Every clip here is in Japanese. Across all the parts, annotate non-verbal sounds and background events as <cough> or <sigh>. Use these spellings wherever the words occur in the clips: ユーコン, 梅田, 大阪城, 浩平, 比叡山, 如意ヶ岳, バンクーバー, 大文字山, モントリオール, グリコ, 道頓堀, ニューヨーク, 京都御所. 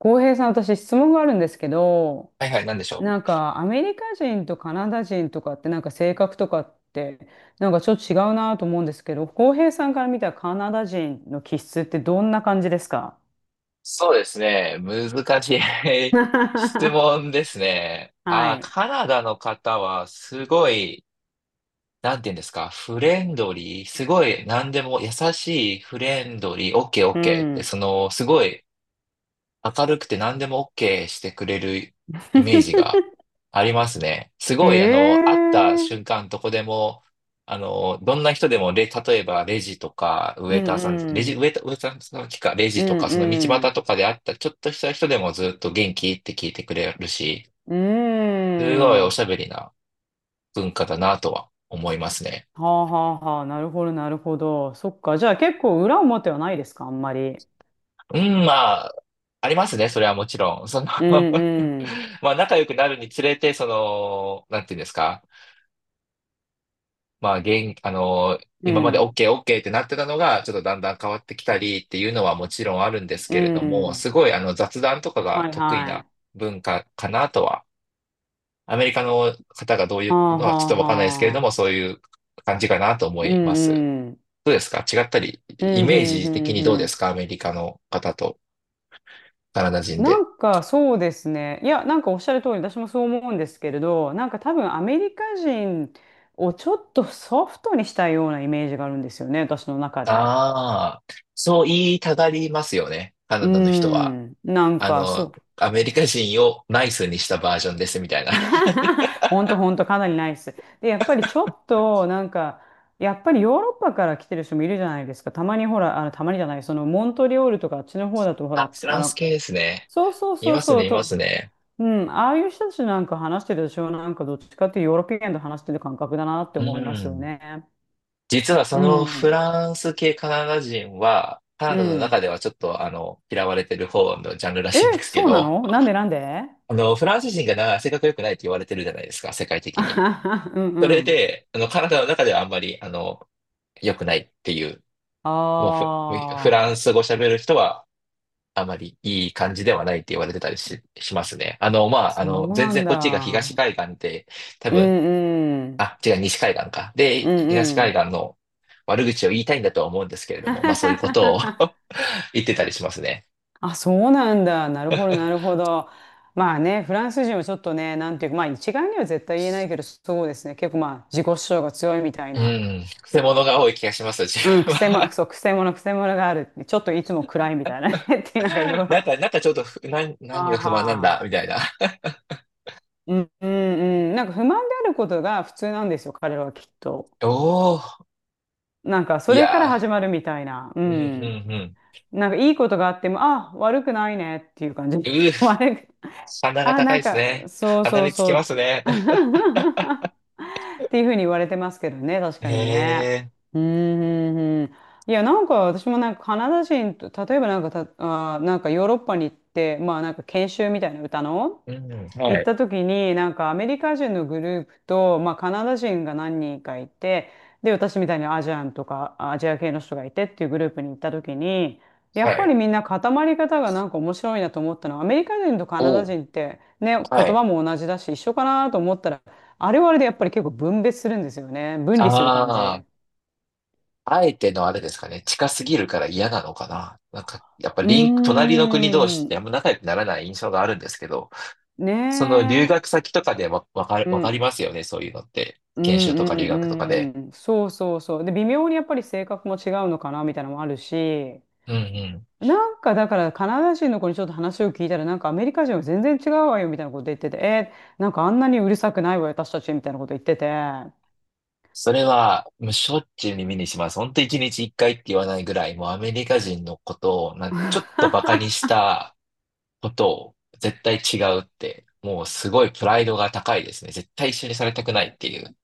浩平さん、私質問があるんですけど、はいはい、なんでしょなんう？かアメリカ人とカナダ人とかってなんか性格とかってなんかちょっと違うなと思うんですけど、浩平さんから見たカナダ人の気質ってどんな感じですか？ そうですね。難しい <laughs> 質 <laughs> 問ですね。はああ、い。カナダの方はすごい、なんて言うんですか、フレンドリー、すごい何でも優しい、フレンドリー、オッケーオうッケーって、ん。その、すごい明るくて何でも OK してくれるイメージ <laughs> がありますね。すへごい、会った瞬え。間どこでも、どんな人でも、例えばレジとか、ウうェイタんーさん、レうジ、ウん。ェイター、ウェイターさんの時か、レうジとんか、その道う端ん。とかで会ったちょっとした人でもずっと元気って聞いてくれるし、うすごいおしゃん。べりな文化だなとは思いますね。はあはあはあ。なるほど、なるほど。そっか。じゃあ結構裏表はないですか、あんまり。うん、まあ、ありますね、それはもちろん。うんうん。<laughs> まあ、仲良くなるにつれて、その、なんていうんですか、まあ、う今まで ん。OK、OK ってなってたのが、ちょっとだんだん変わってきたりっていうのはもちろんあるんですうけれども、ん。すごいあの雑談とかがはい得意はない。文化かなとは、アメリカの方がどういはうあのははちょっあとわかんないですけれどはも、あ。そういう感じかなと思ういます。んうん。どうですか？違ったり、うイんうメーんうジ的んにどううでん。すか？アメリカの方とカナダ人なで。んかそうですね。いや、なんかおっしゃる通り、私もそう思うんですけれど、なんか多分アメリカ人をちょっとソフトにしたようなイメージがあるんですよね、私の中で。ああ、そう言いたがりますよね。カうナダの人は。ん。なんあかその、う。アメリカ人をナイスにしたバージョンですみたいな。<laughs> ほんとほんと、かなりないです。で、やっぱりちょっとなんか、やっぱりヨーロッパから来てる人もいるじゃないですか。たまにほら、たまにじゃない、そのモントリオールとかあっちの方だとほあ、ら、フランス系ですね。そうそういそうますそね、う、いますと、ね。うん、ああいう人たちなんか話してるでしょ、なんかどっちかっていうヨーロピアンと話してる感覚だなってう思いますよん。ね。実はそうのフん、ランス系カナダ人は、カナうダの中ん。ではちょっと嫌われてる方のジャンルらえ、しいんですけそうなど、の、なんでなんで？ <laughs> フランス人がな、性格良くないって言われてるじゃないですか、世界的あに。はは <laughs> うんそうれん。で、カナダの中ではあんまり、良くないっていう、もうフ、フあラあ、ンス語喋る人は、あまりいい感じではないって言われてたりしますね。まあ、そう全な然んこっちが東だ。海岸で、多う分んうん。あ、違う、西海岸か。うで、ん東う海ん。岸の悪口を言いたいんだとは思うんですけれども、まあそういうことを <laughs> <laughs> 言ってたりしますね。あ、そうなんだ。なるほど、なるほど。まあね、フランス人はちょっとね、なんていうか、まあ一概には絶対言えないけど、そうですね。結構まあ自己主張が強いみたいうな。ん、くせ者が多い気がします、自うん、く分せも、は。そう、くせ者、くせ者があるって。ちょっといつも暗いみたいなね。<laughs> っていうなんかいろ <laughs> いろ。なんあか、なんかちょっとー何が不満なんだ、はみたいな。<laughs> ーうん、うん、うん。なんか不満であることが普通なんですよ、彼らはきっと。おお、なんかそいれからや始まるみたいな。うー、うん。ん、うん、うん。なんかいいことがあっても、あ、悪くないねっていう感うじ。<laughs> ー、悪く鼻があ、高ないんですか、ね。そう鼻そうにつきそますう。ね。<laughs> っていうふうに言われてますけどね、確 <laughs> へかにね。え、うん、うんうん。いや、なんか私もなんかカナダ人と、例えばなんかた、あー、なんかヨーロッパに行って、まあなんか研修みたいな歌の、うん、は行っい、た時になんかアメリカ人のグループと、まあ、カナダ人が何人かいて、で、私みたいにアジアンとかアジア系の人がいてっていうグループに行った時に、やはっぱりい。みんな固まり方がなんか面白いなと思ったのは、アメリカ人とカナおダー、人ってね、言はい。葉も同じだし一緒かなと思ったら、あれはあれでやっぱり結構分別するんですよね、分あ離する感じ。うあ。あえてのあれですかね、近すぎるから嫌なのかな。なんか、やっぱーリンク、隣の国同士ってん。あんま仲良くならない印象があるんですけど、ねその留え。学先とかでうわかりんますよね、そういうのって。う研修んとか留学とかで。うんうん。そうそうそう。で、微妙にやっぱり性格も違うのかなみたいなのもあるし、うんうん。なんかだからカナダ人の子にちょっと話を聞いたら、なんかアメリカ人は全然違うわよみたいなこと言ってて、なんかあんなにうるさくないわよ、私たちみたいなこと言ってて。それは、もうしょっちゅう耳にします。ほんと一日一回って言わないぐらい、もうアメリカ人のことを、なんちょっとバカにしたことを絶対違うって、もうすごいプライドが高いですね。絶対一緒にされたくないっていう、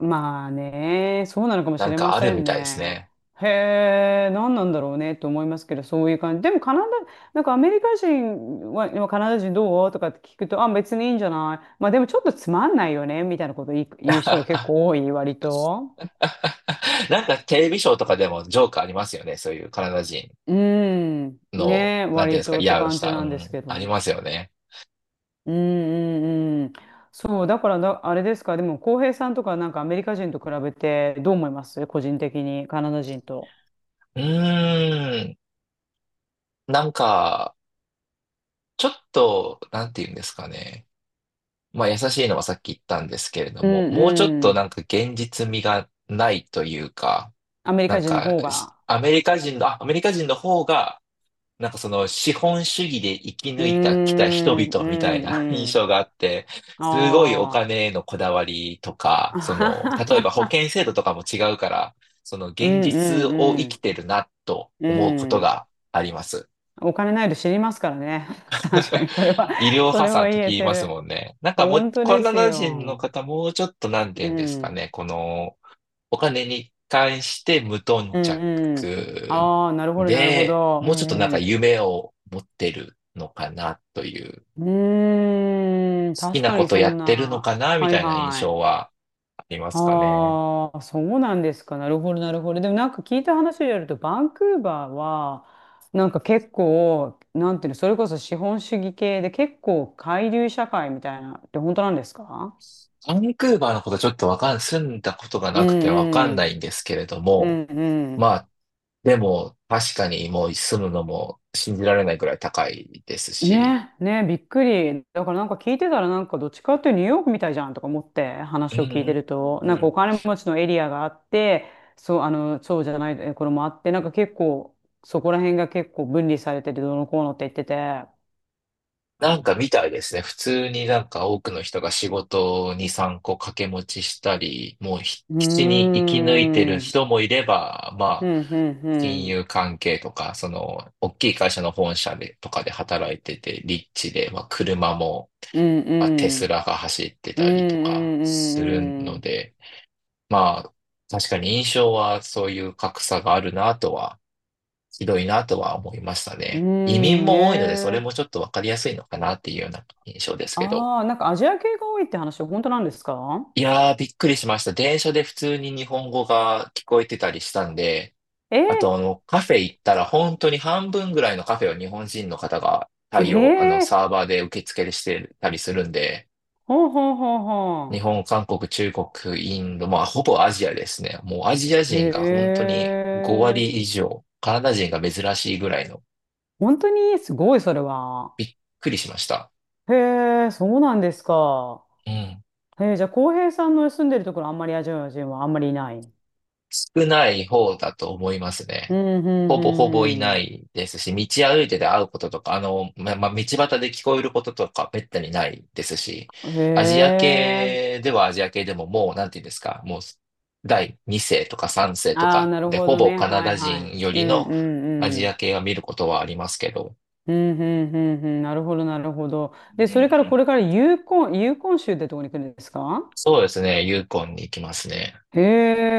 まあね、そうなのかもなしんれかまあせるみんたいですね。ね。へえ、何なんだろうねと思いますけど、そういう感じ。でもカナダ、なんかアメリカ人は、今カナダ人どうとかって聞くと、あ、別にいいんじゃない。まあでもちょっとつまんないよね、みたいなこと言う人が結構 <laughs> 多い、割と。<laughs> なんかテレビショーとかでもジョークありますよね。そういうカナダ人うん、の、ね、なんていうんで割すか、とって嫌を感しじた。うなんですん、けありど。ますよね。うんうんうん。そう、だからだ、あれですか、でも、浩平さんとかなんかアメリカ人と比べてどう思います個人的に、カナダ人と？うーん。なんか、ちょっと、なんていうんですかね。まあ、優しいのはさっき言ったんですけれどうんも、もうちょっうとなん。んか現実味がないというか、アメリなカん人のか、方しが。アメリカ人の、あアメリカ人の方が、なんかその資本主義で生きうー抜いたきた人ん、う々みたいん、な <laughs> 印うん。象があって、すごいおあ金へのこだわりとか、あ。あそはの、例えはば保は険制度とかも違うから、そのうん、現実をう生きん、てるなとう思うこん。とうん。があります。お金ないと知りますからね。<laughs> 確か <laughs> に、それは、医療そ破れ産はって言え聞きてますもる。んね。なんかもう、本当カでナすダ人のよ。方もうちょっとなんてう言うんですかん、ね、このお金に関して無頓う着ん、うん。ああ、なるほど、なるほで、ど。うもうちょっとなん、んうかん。夢を持ってるのかなという、好うーん、き確なかこにとそやんってるのな。かなみはいたいな印は象い。はありますかね。ああ、そうなんですか。なるほど、なるほど。でもなんか聞いた話によると、バンクーバーは、なんか結構、なんていうの、それこそ資本主義系で結構海流社会みたいなって本当なんですか？バンクーバーのことちょっとわかん、住んだことがうなくてわかんんうないん。んですけれどうも、んうん。まあ、でも確かにもう住むのも信じられないくらい高いですし、ね、ね、びっくり。だからなんか聞いてたらなんかどっちかっていうとニューヨークみたいじゃんとか思ってうん、話うを聞いてん、ると、うん、なうんかおん、金持ちのエリアがあって、そう、そうじゃないとこれもあって、なんか結構そこら辺が結構分離されててどうのこうのって言ってて。なんかみたいですね。普通になんか多くの人が仕事に3個掛け持ちしたり、もうひうー基地に生き抜いてん、るうん、人もいれば、うまあ、ん、う金ん、融関係とか、その、大きい会社の本社で、とかで働いてて、リッチで、まあ、車も、うん、うまあ、テスん、ラが走ってうん、うたりとかするん、うのん、で、まあ、確かに印象はそういう格差があるなとはひどいなとは思いましたうん、ね。移民うんも多いので、それもね。ちょっとわかりやすいのかなっていうような印象ですけど。ああ、なんかアジア系が多いって話本当なんですか？いやー、びっくりしました。電車で普通に日本語が聞こえてたりしたんで、あと、えカフェ行ったら本当に半分ぐらいのカフェを日本人の方がー、え対応、サー、ーバーで受付してたりするんで、ほうほうほう日ほう。本、韓国、中国、インド、まあ、ほぼアジアですね。もうアジアへ人が本当に5え。割以上、カナダ人が珍しいぐらいの、本当にすごい、それは。びっくりしました。へえ、そうなんですか。うん。へえ、じゃあ、浩平さんの住んでるところ、あんまりアジア人はあんまりいない。う少ない方だと思いますん、うね。ほん、ぼほぼいうなん、いですし、道歩いてて会うこととか、まあ、道端で聞こえることとか、めったにないですし、うん。へアジアえ。系ではアジア系でももう、なんていうんですか、もう、第2世とか3世とああ、かなるで、ほほどぼね。カナはい、ダはい。人ようりん、うのアん、うジアん。系は見ることはありますけど、うん、うん、うん、うん。なるほど、なるほど。で、うんうそれからこん、れからユーコン、ユーコン州ってところに来るんですか？そうですね、ユーコンに行きますね。へ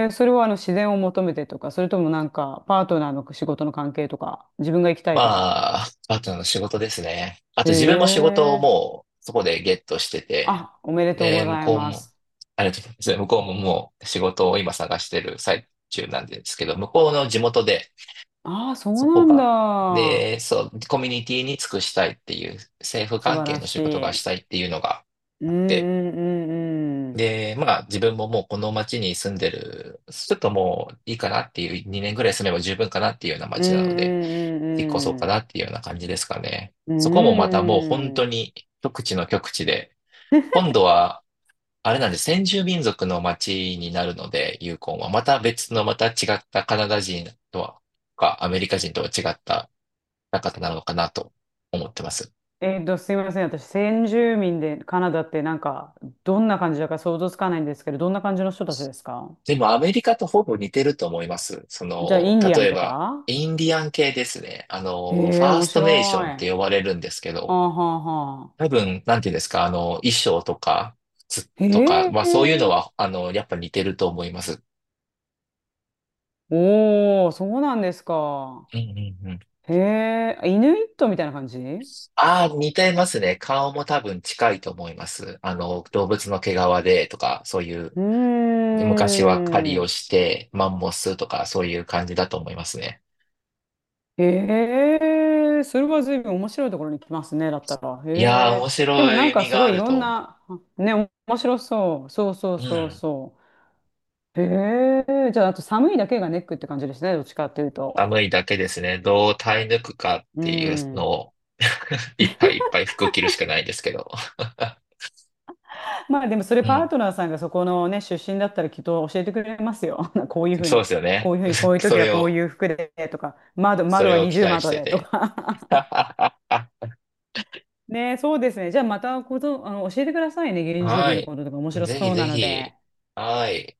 え、それは自然を求めてとか、それともなんかパートナーの仕事の関係とか、自分が行きたまいとか。あ、あとの仕事ですね。あへと自分も仕事をえ。もうそこでゲットしてて、あ、おめでとうで、ご向ざいこうまも、す。ありがとうございます。向こうももう仕事を今探してる最中なんですけど、向こうの地元で、ああ、そそこうが、なんだ。で、そう、コミュニティに尽くしたいっていう、政府素関晴係らのし仕事がしい。たいっていうのがうんあって、うんうんうん。で、まあ自分ももうこの町に住んでる、ちょっともういいかなっていう、2年ぐらい住めば十分かなっていうようなう町なので、んう引っ越そうかんなっていうような感じですかね。うそこもまんうたもう本ん。当うん。に極地の極地で、今度は、あれなんで、先住民族の町になるので、ユーコンは。また別の、また違ったカナダ人とは、アメリカ人とは違った方なのかなと思ってます。すいません。私、先住民でカナダってなんか、どんな感じだか想像つかないんですけど、どんな感じの人たちですか？でもアメリカとほぼ似てると思います。そじゃあ、イの、ンディア例ンえとば、か？インディアン系ですね。フへえ、ァー面スト白い。ネーションっはて呼ばれるんですけあど、はあは多あ。分、なんていうんですか、衣装とか、靴とか、へまあそういうのえ。は、やっぱ似てると思います。おー、そうなんですか。うんうんうん。へえ、イヌイットみたいな感じ？うああ、似てますね。顔も多分近いと思います。動物の毛皮でとか、そういう、ー昔は狩りをん。して、マンモスとか、そういう感じだと思いますね。へえ、それは随分面白いところに来ますね、だったら。いやー、へえ。面でも白ないん意か味すがごあいいるろんと思な、ね、面白そう。そうそうう。うそうん。そう。へえ、じゃああと寒いだけがネックって感じですね、どっちかっていうと。寒いだけですね。どう耐え抜くかっうていうのん。を <laughs> いっぱいいっぱい服着るしかないですけど。<laughs> <laughs> まあでもそれ、うパーん、トナーさんがそこのね、出身だったらきっと教えてくれますよ。<laughs> こういうふうそうな、ですよこね。ういうふうに、こ <laughs> ういうそ時はれこういを、う服でとか、窓、そ窓れはを二期重待し窓てでとて。か。<laughs> ね、そうですね。じゃあまたこと、あの、教えてくださいね。原住は民のい。こととか面白そぜひうぜなので。ひ。はい。